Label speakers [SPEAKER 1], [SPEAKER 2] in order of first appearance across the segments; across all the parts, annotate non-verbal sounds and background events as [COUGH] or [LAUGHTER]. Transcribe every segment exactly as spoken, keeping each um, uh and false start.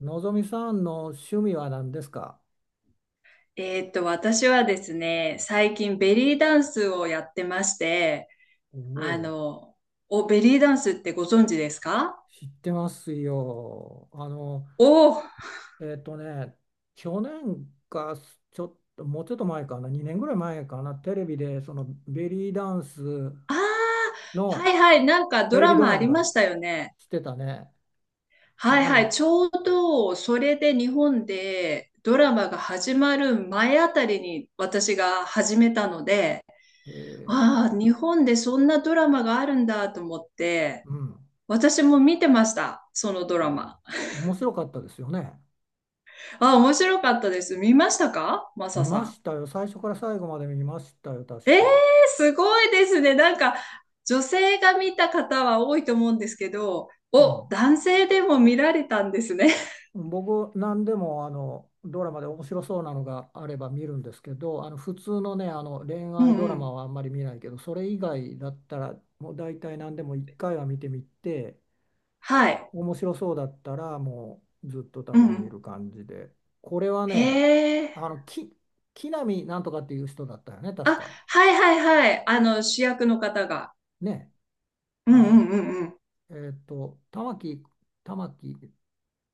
[SPEAKER 1] のぞみさんの趣味は何ですか？
[SPEAKER 2] えーっと、私はですね、最近ベリーダンスをやってまして、
[SPEAKER 1] お
[SPEAKER 2] あ
[SPEAKER 1] お、
[SPEAKER 2] の、お、ベリーダンスってご存知ですか？
[SPEAKER 1] 知ってますよ。あの、
[SPEAKER 2] おー、
[SPEAKER 1] えっとね、去年か、ちょっと、もうちょっと前かな、にねんぐらい前かな、テレビで、そのベリーダンス
[SPEAKER 2] あー、は
[SPEAKER 1] の
[SPEAKER 2] いはい、なんか
[SPEAKER 1] テ
[SPEAKER 2] ド
[SPEAKER 1] レ
[SPEAKER 2] ラ
[SPEAKER 1] ビド
[SPEAKER 2] マ
[SPEAKER 1] ラ
[SPEAKER 2] あ
[SPEAKER 1] マ
[SPEAKER 2] り
[SPEAKER 1] が
[SPEAKER 2] ましたよね。
[SPEAKER 1] してたね。
[SPEAKER 2] はい
[SPEAKER 1] な
[SPEAKER 2] はい、
[SPEAKER 1] の、
[SPEAKER 2] ちょうどそれで日本でドラマが始まる前あたりに私が始めたので、
[SPEAKER 1] え
[SPEAKER 2] ああ、
[SPEAKER 1] ー
[SPEAKER 2] 日本でそんなドラマがあるんだと思って、
[SPEAKER 1] うん、
[SPEAKER 2] 私も見てました、そのドラマ。
[SPEAKER 1] 面白かったですよね。
[SPEAKER 2] ああ、面白かったです。見ましたかマ
[SPEAKER 1] 見
[SPEAKER 2] サさ
[SPEAKER 1] ま
[SPEAKER 2] ん？
[SPEAKER 1] したよ。最初から最後まで見ましたよ、確
[SPEAKER 2] ええ、
[SPEAKER 1] か。
[SPEAKER 2] すごいですね。なんか、女性が見た方は多いと思うんですけど、
[SPEAKER 1] う
[SPEAKER 2] お、
[SPEAKER 1] ん。
[SPEAKER 2] 男性でも見られたんですね。
[SPEAKER 1] 僕、何でもあのドラマで面白そうなのがあれば見るんですけど、あの普通のね、あの恋
[SPEAKER 2] う
[SPEAKER 1] 愛
[SPEAKER 2] ん
[SPEAKER 1] ド
[SPEAKER 2] う
[SPEAKER 1] ラマ
[SPEAKER 2] ん。
[SPEAKER 1] はあんまり見ないけど、それ以外だったら、もう大体何でもいっかいは見てみて、
[SPEAKER 2] はい。
[SPEAKER 1] 面白そうだったら、もうずっと多
[SPEAKER 2] うん
[SPEAKER 1] 分
[SPEAKER 2] う
[SPEAKER 1] 見る
[SPEAKER 2] ん。
[SPEAKER 1] 感じで、これは
[SPEAKER 2] へ
[SPEAKER 1] ね、
[SPEAKER 2] え。
[SPEAKER 1] あのき木南なんとかっていう人だったよね、確
[SPEAKER 2] あ、
[SPEAKER 1] か。
[SPEAKER 2] はいはいはい。あの、主役の方が。
[SPEAKER 1] ね、
[SPEAKER 2] うん
[SPEAKER 1] あ
[SPEAKER 2] う
[SPEAKER 1] の、
[SPEAKER 2] んうんうん。
[SPEAKER 1] えーっと、玉木、玉木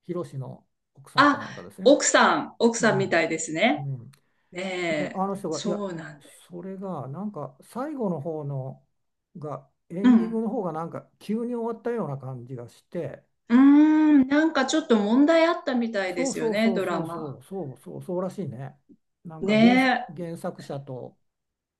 [SPEAKER 1] 宏の奥さんかな
[SPEAKER 2] あ、
[SPEAKER 1] んかですよね。
[SPEAKER 2] 奥さん、奥
[SPEAKER 1] う
[SPEAKER 2] さんみた
[SPEAKER 1] ん。
[SPEAKER 2] いです
[SPEAKER 1] う
[SPEAKER 2] ね。
[SPEAKER 1] ん。で、
[SPEAKER 2] ねえ、
[SPEAKER 1] あの人が、いや、
[SPEAKER 2] そうなんで。
[SPEAKER 1] それが、なんか、最後の方のが、エ
[SPEAKER 2] う
[SPEAKER 1] ンディング
[SPEAKER 2] ん。
[SPEAKER 1] の方が、なんか、急に終わったような感じがして、
[SPEAKER 2] うーん、なんかちょっと問題あったみたいで
[SPEAKER 1] そう
[SPEAKER 2] すよ
[SPEAKER 1] そう
[SPEAKER 2] ね、
[SPEAKER 1] そう
[SPEAKER 2] ドラ
[SPEAKER 1] そうそ
[SPEAKER 2] マ。
[SPEAKER 1] うそうそうそうらしいね。なんか原す、
[SPEAKER 2] ねえ。
[SPEAKER 1] 原作者と、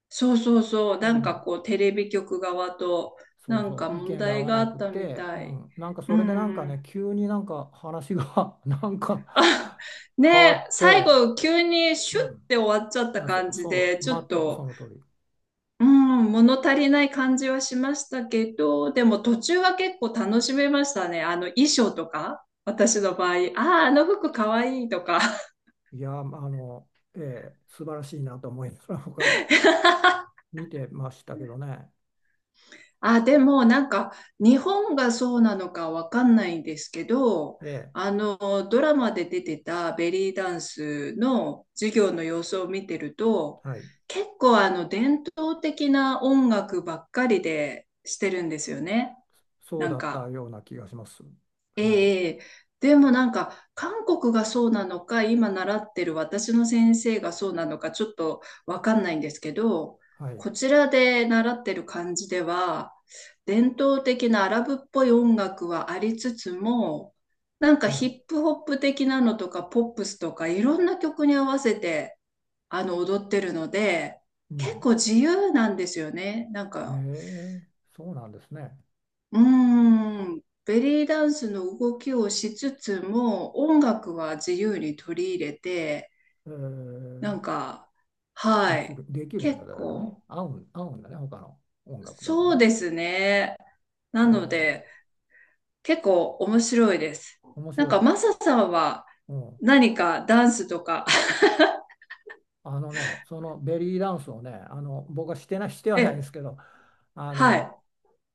[SPEAKER 2] そうそうそう、
[SPEAKER 1] う
[SPEAKER 2] なんか
[SPEAKER 1] ん、
[SPEAKER 2] こうテレビ局側と
[SPEAKER 1] 想
[SPEAKER 2] なん
[SPEAKER 1] 像、
[SPEAKER 2] か
[SPEAKER 1] 意
[SPEAKER 2] 問
[SPEAKER 1] 見が合
[SPEAKER 2] 題
[SPEAKER 1] わ
[SPEAKER 2] があ
[SPEAKER 1] な
[SPEAKER 2] っ
[SPEAKER 1] く
[SPEAKER 2] たみ
[SPEAKER 1] て、う
[SPEAKER 2] たい。
[SPEAKER 1] ん、なんか
[SPEAKER 2] う
[SPEAKER 1] それでなんか
[SPEAKER 2] ん。
[SPEAKER 1] ね、
[SPEAKER 2] [LAUGHS]
[SPEAKER 1] 急になんか話が [LAUGHS] なんか
[SPEAKER 2] あ、ね
[SPEAKER 1] 変わ
[SPEAKER 2] え、
[SPEAKER 1] っ
[SPEAKER 2] 最
[SPEAKER 1] て、
[SPEAKER 2] 後急にシ
[SPEAKER 1] う
[SPEAKER 2] ュッ
[SPEAKER 1] ん、
[SPEAKER 2] て終わっちゃった
[SPEAKER 1] あ、そ
[SPEAKER 2] 感
[SPEAKER 1] う
[SPEAKER 2] じ
[SPEAKER 1] そ
[SPEAKER 2] で、
[SPEAKER 1] う、
[SPEAKER 2] ちょっ
[SPEAKER 1] 全くそ
[SPEAKER 2] と、
[SPEAKER 1] の通り。
[SPEAKER 2] うん、物足りない感じはしましたけど、でも途中は結構楽しめましたね。あの衣装とか、私の場合、ああ、あの服かわいいとか。
[SPEAKER 1] いや、まああの、ええ、素晴らしいなと思いまが [LAUGHS] 僕は
[SPEAKER 2] [LAUGHS]
[SPEAKER 1] 見てましたけどね。
[SPEAKER 2] あ、でもなんか日本がそうなのかわかんないんですけど、
[SPEAKER 1] ええ、
[SPEAKER 2] あのドラマで出てたベリーダンスの授業の様子を見てると、
[SPEAKER 1] はい。
[SPEAKER 2] 結構あの伝統的な音楽ばっかりでしてるんですよね。
[SPEAKER 1] そう
[SPEAKER 2] なん
[SPEAKER 1] だった
[SPEAKER 2] か、
[SPEAKER 1] ような気がします。はい。
[SPEAKER 2] ええ、でもなんか韓国がそうなのか、今習ってる私の先生がそうなのか、ちょっとわかんないんですけど、
[SPEAKER 1] はい。
[SPEAKER 2] こちらで習ってる感じでは、伝統的なアラブっぽい音楽はありつつも、なんか
[SPEAKER 1] は
[SPEAKER 2] ヒ
[SPEAKER 1] い。
[SPEAKER 2] ップホップ的なのとかポップスとかいろんな曲に合わせてあの踊ってるので、
[SPEAKER 1] う
[SPEAKER 2] 結
[SPEAKER 1] ん。
[SPEAKER 2] 構自由なんですよね。なん
[SPEAKER 1] へ
[SPEAKER 2] か、
[SPEAKER 1] え、そうなんですね。
[SPEAKER 2] うーん、ベリーダンスの動きをしつつも、音楽は自由に取り入れて、
[SPEAKER 1] え
[SPEAKER 2] な
[SPEAKER 1] え、
[SPEAKER 2] んか、
[SPEAKER 1] で
[SPEAKER 2] は
[SPEAKER 1] き
[SPEAKER 2] い、
[SPEAKER 1] る、できるん
[SPEAKER 2] 結
[SPEAKER 1] だよね。
[SPEAKER 2] 構、
[SPEAKER 1] 合うん、合うんだね、他の音楽でも
[SPEAKER 2] そう
[SPEAKER 1] ね。
[SPEAKER 2] ですね。なので、
[SPEAKER 1] え
[SPEAKER 2] 結構面白いです。
[SPEAKER 1] え、面
[SPEAKER 2] なん
[SPEAKER 1] 白
[SPEAKER 2] か、
[SPEAKER 1] い。
[SPEAKER 2] マサさんは
[SPEAKER 1] うん。
[SPEAKER 2] 何かダンスとか？
[SPEAKER 1] あのね、そのベリーダンスをね、あの、僕はしてない、しては
[SPEAKER 2] [LAUGHS]
[SPEAKER 1] ないで
[SPEAKER 2] え、
[SPEAKER 1] すけど、あ
[SPEAKER 2] は
[SPEAKER 1] の、
[SPEAKER 2] い、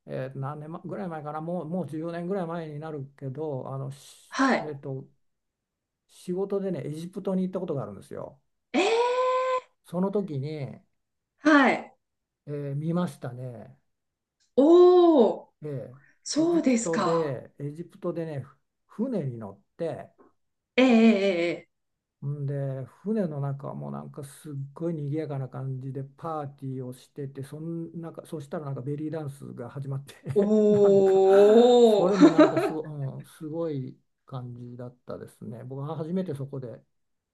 [SPEAKER 1] えー何年まぐらい前かな、もう、もうじゅうねんぐらい前になるけど、あの、し
[SPEAKER 2] は
[SPEAKER 1] え
[SPEAKER 2] い、
[SPEAKER 1] っと、仕事でね、エジプトに行ったことがあるんですよ。
[SPEAKER 2] えー、
[SPEAKER 1] その時に、え
[SPEAKER 2] はい、
[SPEAKER 1] ー見ましたね。
[SPEAKER 2] おー、
[SPEAKER 1] ええ。エ
[SPEAKER 2] そ
[SPEAKER 1] ジ
[SPEAKER 2] う
[SPEAKER 1] プ
[SPEAKER 2] です
[SPEAKER 1] ト
[SPEAKER 2] か。
[SPEAKER 1] で、エジプトでね、ふ船に乗って、
[SPEAKER 2] ええええええ、
[SPEAKER 1] んで、船の中もなんかすっごい賑やかな感じでパーティーをしてて、そんなんか、そしたらなんかベリーダンスが始まって [LAUGHS] なんか、そ
[SPEAKER 2] おー、
[SPEAKER 1] れもなんかすご、うん、すごい感じだったですね。僕は初めてそこで、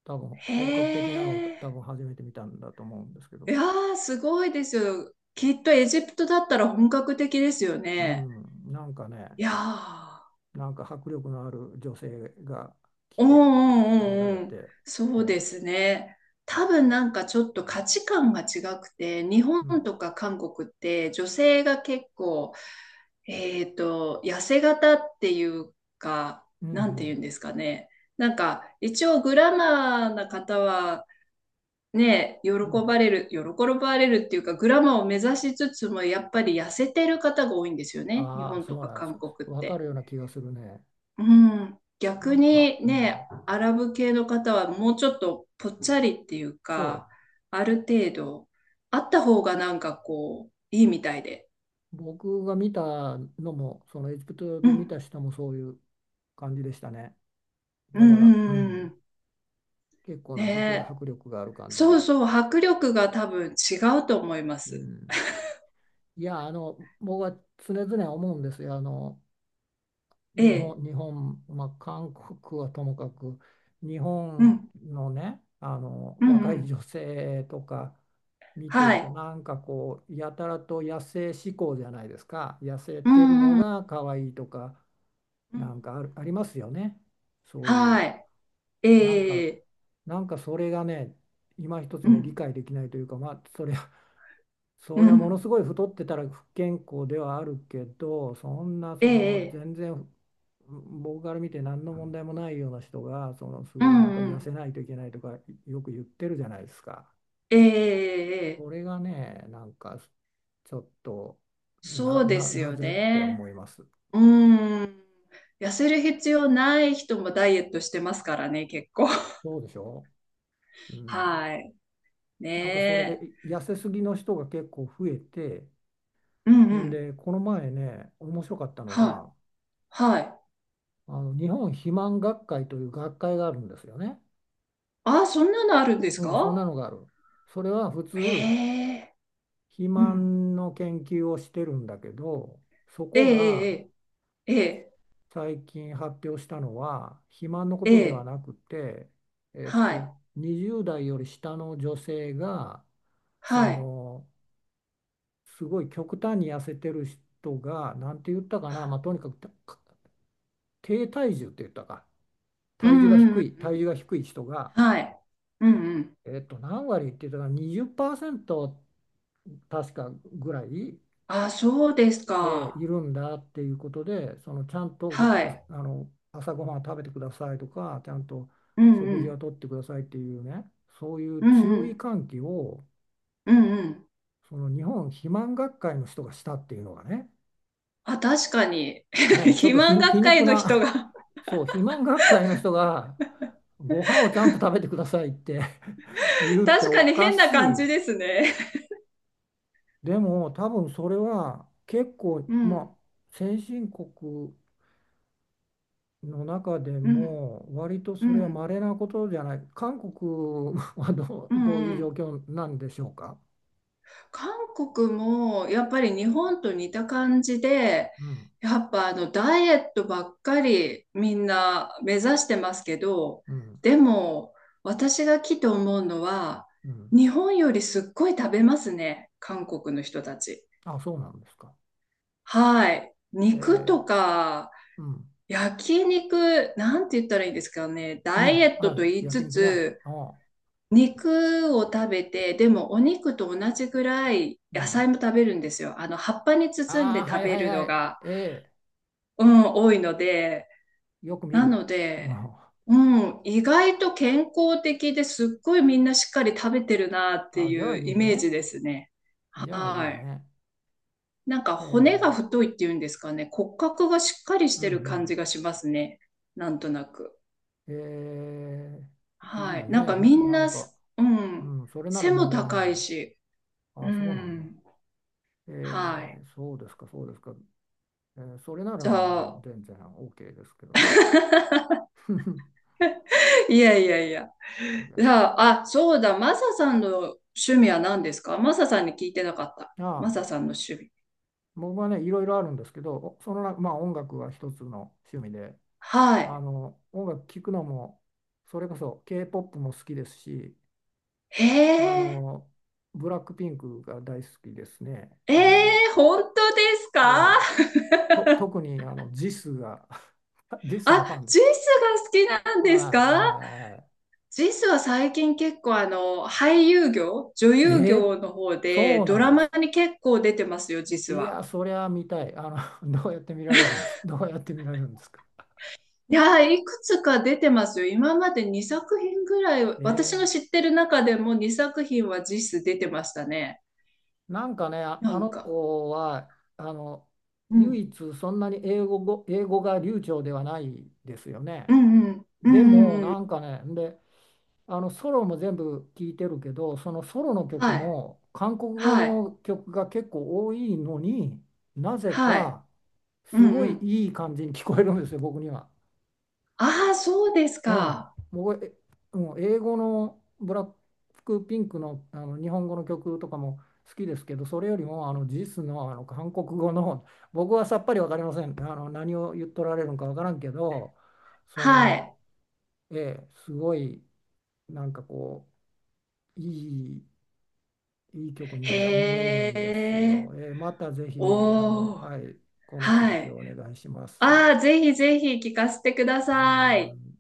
[SPEAKER 1] 多分
[SPEAKER 2] [LAUGHS] へ
[SPEAKER 1] 本格的なのを
[SPEAKER 2] え。
[SPEAKER 1] 多分初めて見たんだと思うんですけ
[SPEAKER 2] い
[SPEAKER 1] ど。
[SPEAKER 2] やー、すごいですよ。きっとエジプトだったら本格的ですよ
[SPEAKER 1] う
[SPEAKER 2] ね。
[SPEAKER 1] ん、なんかね、
[SPEAKER 2] いやー、
[SPEAKER 1] なんか迫力のある女性が来
[SPEAKER 2] うん
[SPEAKER 1] て、
[SPEAKER 2] う
[SPEAKER 1] 出ら
[SPEAKER 2] んうん
[SPEAKER 1] れ
[SPEAKER 2] うん。
[SPEAKER 1] て、
[SPEAKER 2] そうで
[SPEAKER 1] え
[SPEAKER 2] すね。多分なんかちょっと価値観が違くて、日本
[SPEAKER 1] ーうん、
[SPEAKER 2] とか韓国って女性が結構、えっと、痩せ型っていうか、
[SPEAKER 1] うん、う
[SPEAKER 2] なんて言うん
[SPEAKER 1] ん、
[SPEAKER 2] ですかね。なんか一応グラマーな方はね、喜
[SPEAKER 1] うん、
[SPEAKER 2] ばれる、喜ばれるっていうか、グラマーを目指しつつも、やっぱり痩せてる方が多いんですよね。日
[SPEAKER 1] ああ、
[SPEAKER 2] 本と
[SPEAKER 1] そう
[SPEAKER 2] か
[SPEAKER 1] なんで
[SPEAKER 2] 韓
[SPEAKER 1] す。
[SPEAKER 2] 国っ
[SPEAKER 1] わか
[SPEAKER 2] て。
[SPEAKER 1] るような気がするね。
[SPEAKER 2] うん。
[SPEAKER 1] な
[SPEAKER 2] 逆
[SPEAKER 1] んか、
[SPEAKER 2] に
[SPEAKER 1] うん、
[SPEAKER 2] ね、アラブ系の方はもうちょっとぽっちゃりっていう
[SPEAKER 1] そ
[SPEAKER 2] か、ある程度、あった方がなんかこう、いいみたいで。
[SPEAKER 1] う、僕が見たのも、そのエジプト
[SPEAKER 2] う
[SPEAKER 1] で見
[SPEAKER 2] ん。
[SPEAKER 1] た人もそういう感じでしたね。
[SPEAKER 2] う
[SPEAKER 1] だか
[SPEAKER 2] ん
[SPEAKER 1] ら、
[SPEAKER 2] うん
[SPEAKER 1] う
[SPEAKER 2] うんうん、
[SPEAKER 1] ん、結構
[SPEAKER 2] ね
[SPEAKER 1] な迫力、
[SPEAKER 2] え。
[SPEAKER 1] 迫力がある感じ
[SPEAKER 2] そう
[SPEAKER 1] で。
[SPEAKER 2] そう、迫力が多分違うと思いま
[SPEAKER 1] う
[SPEAKER 2] す。
[SPEAKER 1] ん、いや、あの、僕は常々思うんですよ。あの
[SPEAKER 2] え
[SPEAKER 1] 日
[SPEAKER 2] え。
[SPEAKER 1] 本、日本、まあ、韓国はともかく、日
[SPEAKER 2] う
[SPEAKER 1] 本
[SPEAKER 2] ん。
[SPEAKER 1] のね、あの
[SPEAKER 2] うんう
[SPEAKER 1] 若い
[SPEAKER 2] ん。
[SPEAKER 1] 女性とか見て
[SPEAKER 2] は
[SPEAKER 1] ると、
[SPEAKER 2] い。
[SPEAKER 1] なんかこう、やたらと野生志向じゃないですか、痩せてるの
[SPEAKER 2] うん
[SPEAKER 1] が可愛いとか、
[SPEAKER 2] うんう
[SPEAKER 1] な
[SPEAKER 2] ん。
[SPEAKER 1] んかある、ありますよね、そういう、
[SPEAKER 2] はい。
[SPEAKER 1] なんか、
[SPEAKER 2] ええ、
[SPEAKER 1] なんかそれがね、今一つ
[SPEAKER 2] う
[SPEAKER 1] ね、理
[SPEAKER 2] ん、
[SPEAKER 1] 解できないというか、まあ、それは
[SPEAKER 2] う
[SPEAKER 1] そりゃもの
[SPEAKER 2] ん、
[SPEAKER 1] すごい太ってたら不健康ではあるけどそんな
[SPEAKER 2] え
[SPEAKER 1] その
[SPEAKER 2] え、
[SPEAKER 1] 全然僕から見て何の問題もないような人がそのす
[SPEAKER 2] う
[SPEAKER 1] ごい
[SPEAKER 2] ん、
[SPEAKER 1] なんか
[SPEAKER 2] う
[SPEAKER 1] 痩
[SPEAKER 2] ん、
[SPEAKER 1] せないといけないとかよく言ってるじゃないですか。
[SPEAKER 2] ええええ、
[SPEAKER 1] それがねなんかちょっと
[SPEAKER 2] そ
[SPEAKER 1] な、
[SPEAKER 2] うで
[SPEAKER 1] な、
[SPEAKER 2] す
[SPEAKER 1] な
[SPEAKER 2] よ
[SPEAKER 1] ぜって
[SPEAKER 2] ね。
[SPEAKER 1] 思います。
[SPEAKER 2] うん。痩せる必要ない人もダイエットしてますからね、結構。
[SPEAKER 1] そうでしょ？う
[SPEAKER 2] [LAUGHS]
[SPEAKER 1] ん。
[SPEAKER 2] はい。ね
[SPEAKER 1] なんかそれ
[SPEAKER 2] え。
[SPEAKER 1] で痩せすぎの人が結構増えて
[SPEAKER 2] うん、う
[SPEAKER 1] ん
[SPEAKER 2] ん、
[SPEAKER 1] でこの前ね面白かったの
[SPEAKER 2] は
[SPEAKER 1] が
[SPEAKER 2] い。はい。
[SPEAKER 1] あの日本肥満学会という学会があるんですよね。
[SPEAKER 2] あ、そんなのあるんです
[SPEAKER 1] うん、そん
[SPEAKER 2] か？
[SPEAKER 1] なのがある。それは普通、
[SPEAKER 2] ええ、
[SPEAKER 1] 肥
[SPEAKER 2] うん、
[SPEAKER 1] 満の研究をしてるんだけど、そ
[SPEAKER 2] え
[SPEAKER 1] こが
[SPEAKER 2] えええええ
[SPEAKER 1] 最近発表したのは、肥満のことでは
[SPEAKER 2] ええ、
[SPEAKER 1] なくて、えっ
[SPEAKER 2] は
[SPEAKER 1] と、
[SPEAKER 2] い。
[SPEAKER 1] にじゅうだい代より下の女性が、そ
[SPEAKER 2] はい。
[SPEAKER 1] の、すごい極端に痩せてる人が、なんて言ったかな、まあ、とにかくた低体重って言ったか、
[SPEAKER 2] うん、
[SPEAKER 1] 体重が
[SPEAKER 2] うん、う
[SPEAKER 1] 低
[SPEAKER 2] ん
[SPEAKER 1] い、体重が低い人が、
[SPEAKER 2] うん、はい。うん、うん。
[SPEAKER 1] えっと、何割って言ったかな、にじゅっパーセント確かぐらい。
[SPEAKER 2] あ、そうです
[SPEAKER 1] えーい
[SPEAKER 2] か。
[SPEAKER 1] るんだっていうことでそのちゃんとご
[SPEAKER 2] は
[SPEAKER 1] あ、
[SPEAKER 2] い。
[SPEAKER 1] あの朝ごはんを食べてくださいとかちゃんと
[SPEAKER 2] うんう
[SPEAKER 1] 食事は
[SPEAKER 2] ん。
[SPEAKER 1] とってくださいっていうねそうい
[SPEAKER 2] う
[SPEAKER 1] う
[SPEAKER 2] んう
[SPEAKER 1] 注意
[SPEAKER 2] ん。
[SPEAKER 1] 喚起を
[SPEAKER 2] うんうん。
[SPEAKER 1] その日本肥満学会の人がしたっていうのがね、
[SPEAKER 2] あ、確かに。[LAUGHS]
[SPEAKER 1] ねちょっ
[SPEAKER 2] 肥
[SPEAKER 1] とひ
[SPEAKER 2] 満
[SPEAKER 1] 皮
[SPEAKER 2] 学会
[SPEAKER 1] 肉
[SPEAKER 2] の人
[SPEAKER 1] な
[SPEAKER 2] が？
[SPEAKER 1] [LAUGHS] そう肥満学会の人がご飯をちゃんと食べてくださいって [LAUGHS] 言う
[SPEAKER 2] [LAUGHS]
[SPEAKER 1] って
[SPEAKER 2] 確
[SPEAKER 1] お
[SPEAKER 2] かに
[SPEAKER 1] か
[SPEAKER 2] 変な感
[SPEAKER 1] し
[SPEAKER 2] じ
[SPEAKER 1] い。
[SPEAKER 2] ですね。
[SPEAKER 1] でも多分それは結構
[SPEAKER 2] う
[SPEAKER 1] まあ
[SPEAKER 2] ん。
[SPEAKER 1] 先進国の中で
[SPEAKER 2] うん。
[SPEAKER 1] も割と
[SPEAKER 2] う
[SPEAKER 1] それは
[SPEAKER 2] ん。
[SPEAKER 1] 稀なことじゃない。韓国はどう、
[SPEAKER 2] う
[SPEAKER 1] どう
[SPEAKER 2] ん
[SPEAKER 1] い
[SPEAKER 2] う
[SPEAKER 1] う状
[SPEAKER 2] ん。
[SPEAKER 1] 況なんでしょうか？
[SPEAKER 2] 韓国もやっぱり日本と似た感じで、
[SPEAKER 1] うん、
[SPEAKER 2] やっぱあのダイエットばっかりみんな目指してますけど、
[SPEAKER 1] うん、
[SPEAKER 2] でも私が来て思うのは、
[SPEAKER 1] うん。
[SPEAKER 2] 日本よりすっごい食べますね、韓国の人たち。
[SPEAKER 1] あ、そうなんですか？
[SPEAKER 2] はい。肉と
[SPEAKER 1] え
[SPEAKER 2] か、
[SPEAKER 1] ー、うん、
[SPEAKER 2] 焼肉、なんて言ったらいいですかね。
[SPEAKER 1] う
[SPEAKER 2] ダイエ
[SPEAKER 1] ん。
[SPEAKER 2] ットと
[SPEAKER 1] あ、
[SPEAKER 2] 言い
[SPEAKER 1] 焼
[SPEAKER 2] つ
[SPEAKER 1] 肉ね。
[SPEAKER 2] つ、
[SPEAKER 1] あ、
[SPEAKER 2] 肉を食べて、でもお肉と同じぐらい
[SPEAKER 1] う
[SPEAKER 2] 野
[SPEAKER 1] ん。
[SPEAKER 2] 菜も食べるんですよ。あの、葉っぱに包ん
[SPEAKER 1] ああ、
[SPEAKER 2] で
[SPEAKER 1] は
[SPEAKER 2] 食
[SPEAKER 1] い
[SPEAKER 2] べ
[SPEAKER 1] はい
[SPEAKER 2] る
[SPEAKER 1] は
[SPEAKER 2] の
[SPEAKER 1] い。
[SPEAKER 2] が、
[SPEAKER 1] え
[SPEAKER 2] うん、多いので、
[SPEAKER 1] ー、よく見
[SPEAKER 2] な
[SPEAKER 1] る。
[SPEAKER 2] の
[SPEAKER 1] [LAUGHS]
[SPEAKER 2] で、
[SPEAKER 1] あ
[SPEAKER 2] うん、意外と健康的ですっごいみんなしっかり食べてるなって
[SPEAKER 1] あ、じゃあ
[SPEAKER 2] いう
[SPEAKER 1] いい
[SPEAKER 2] イメー
[SPEAKER 1] ね。
[SPEAKER 2] ジですね。
[SPEAKER 1] じゃあいい
[SPEAKER 2] はい。
[SPEAKER 1] ね。
[SPEAKER 2] なんか骨が
[SPEAKER 1] え
[SPEAKER 2] 太いっていうんですかね。骨格がしっかりし
[SPEAKER 1] ー、う
[SPEAKER 2] て
[SPEAKER 1] んう
[SPEAKER 2] る感じ
[SPEAKER 1] ん。
[SPEAKER 2] がしますね。なんとなく。
[SPEAKER 1] えー、い
[SPEAKER 2] は
[SPEAKER 1] い
[SPEAKER 2] い。なん
[SPEAKER 1] ね。
[SPEAKER 2] か
[SPEAKER 1] な、
[SPEAKER 2] みん
[SPEAKER 1] なん
[SPEAKER 2] な
[SPEAKER 1] か、
[SPEAKER 2] す、う
[SPEAKER 1] う
[SPEAKER 2] ん。
[SPEAKER 1] ん、それなら
[SPEAKER 2] 背も
[SPEAKER 1] 問題
[SPEAKER 2] 高
[SPEAKER 1] な
[SPEAKER 2] い
[SPEAKER 1] い。
[SPEAKER 2] し。
[SPEAKER 1] あ、
[SPEAKER 2] う
[SPEAKER 1] そうなんだ。
[SPEAKER 2] ん。は
[SPEAKER 1] え
[SPEAKER 2] い。
[SPEAKER 1] ー、そうですか、そうですか。えーそれなら
[SPEAKER 2] じゃ
[SPEAKER 1] もう
[SPEAKER 2] あ、
[SPEAKER 1] 全然 オーケー ですけどね。[LAUGHS]
[SPEAKER 2] [LAUGHS] いやいやいや。
[SPEAKER 1] いや、
[SPEAKER 2] じゃ
[SPEAKER 1] あ
[SPEAKER 2] あ、あ、そうだ。マサさんの趣味は何ですか？マサさんに聞いてなかった。マ
[SPEAKER 1] あ、
[SPEAKER 2] サさんの趣味。
[SPEAKER 1] 僕はね、いろいろあるんですけど、おその中、まあ音楽は一つの趣味で、
[SPEAKER 2] は
[SPEAKER 1] あ
[SPEAKER 2] い。
[SPEAKER 1] の、音楽聴くのも、それこそ ケーポップ も好きですし、
[SPEAKER 2] へ
[SPEAKER 1] あ
[SPEAKER 2] え。
[SPEAKER 1] の、ブラックピンクが大好きですね。
[SPEAKER 2] え
[SPEAKER 1] あの、
[SPEAKER 2] え、本当です
[SPEAKER 1] え
[SPEAKER 2] か？
[SPEAKER 1] え
[SPEAKER 2] [LAUGHS]
[SPEAKER 1] と、特にあの、ジスが、[LAUGHS] ジスの
[SPEAKER 2] あ、
[SPEAKER 1] ファンで
[SPEAKER 2] ジ
[SPEAKER 1] す。
[SPEAKER 2] スが好きなんです
[SPEAKER 1] はいは
[SPEAKER 2] か？
[SPEAKER 1] いは
[SPEAKER 2] ジスは最近結構あの、俳優業、女
[SPEAKER 1] い。
[SPEAKER 2] 優
[SPEAKER 1] ええ。
[SPEAKER 2] 業の方で
[SPEAKER 1] そう
[SPEAKER 2] ド
[SPEAKER 1] なん
[SPEAKER 2] ラ
[SPEAKER 1] です
[SPEAKER 2] マ
[SPEAKER 1] か？
[SPEAKER 2] に結構出てますよ、ジス
[SPEAKER 1] い
[SPEAKER 2] は。
[SPEAKER 1] や、そりゃ見たい。あの、[LAUGHS] どうやって見られるんです。どうやって見られるんですか？
[SPEAKER 2] いやー、いくつか出てますよ。今までにさく品ぐら
[SPEAKER 1] [LAUGHS]
[SPEAKER 2] い、私の
[SPEAKER 1] え
[SPEAKER 2] 知
[SPEAKER 1] え。
[SPEAKER 2] ってる中でもにさく品は実質出てましたね。
[SPEAKER 1] なんかね、あ
[SPEAKER 2] な
[SPEAKER 1] あ
[SPEAKER 2] ん
[SPEAKER 1] の
[SPEAKER 2] か。
[SPEAKER 1] 子は、あの、
[SPEAKER 2] う
[SPEAKER 1] 唯
[SPEAKER 2] ん。
[SPEAKER 1] 一そんなに英語ご、英語が流暢ではないですよ
[SPEAKER 2] う
[SPEAKER 1] ね。
[SPEAKER 2] んうん。う
[SPEAKER 1] で
[SPEAKER 2] んう
[SPEAKER 1] も、
[SPEAKER 2] んう
[SPEAKER 1] なん
[SPEAKER 2] ん。
[SPEAKER 1] かね、で、あの、ソロも全部聞いてるけど、そのソロの曲
[SPEAKER 2] はい。
[SPEAKER 1] も、韓国語
[SPEAKER 2] はい。
[SPEAKER 1] の曲が結構多いのになぜ
[SPEAKER 2] はい。
[SPEAKER 1] か、
[SPEAKER 2] う
[SPEAKER 1] す
[SPEAKER 2] ん
[SPEAKER 1] ご
[SPEAKER 2] う
[SPEAKER 1] い
[SPEAKER 2] ん。
[SPEAKER 1] いい感じに聞こえるんですよ、僕には。
[SPEAKER 2] ああ、そうです
[SPEAKER 1] うん、
[SPEAKER 2] か。
[SPEAKER 1] 僕、え、もう英語のブラックピンクの、あの日本語の曲とかも好きですけど、それよりもあのジスの、あの韓国語の、[LAUGHS] 僕はさっぱりわかりません。あの何を言っとられるのかわからんけど、そ
[SPEAKER 2] は
[SPEAKER 1] の、
[SPEAKER 2] い。
[SPEAKER 1] ええ、すごいなんかこう、いい、いい曲にね、思える
[SPEAKER 2] へ
[SPEAKER 1] んですよ。
[SPEAKER 2] え。
[SPEAKER 1] ええ、またぜひ、あ
[SPEAKER 2] お
[SPEAKER 1] の、
[SPEAKER 2] ー。
[SPEAKER 1] はい、この続
[SPEAKER 2] は
[SPEAKER 1] き
[SPEAKER 2] い。
[SPEAKER 1] をお願いします。
[SPEAKER 2] ああ、ぜひぜひ聞かせてくださ
[SPEAKER 1] は
[SPEAKER 2] い。
[SPEAKER 1] い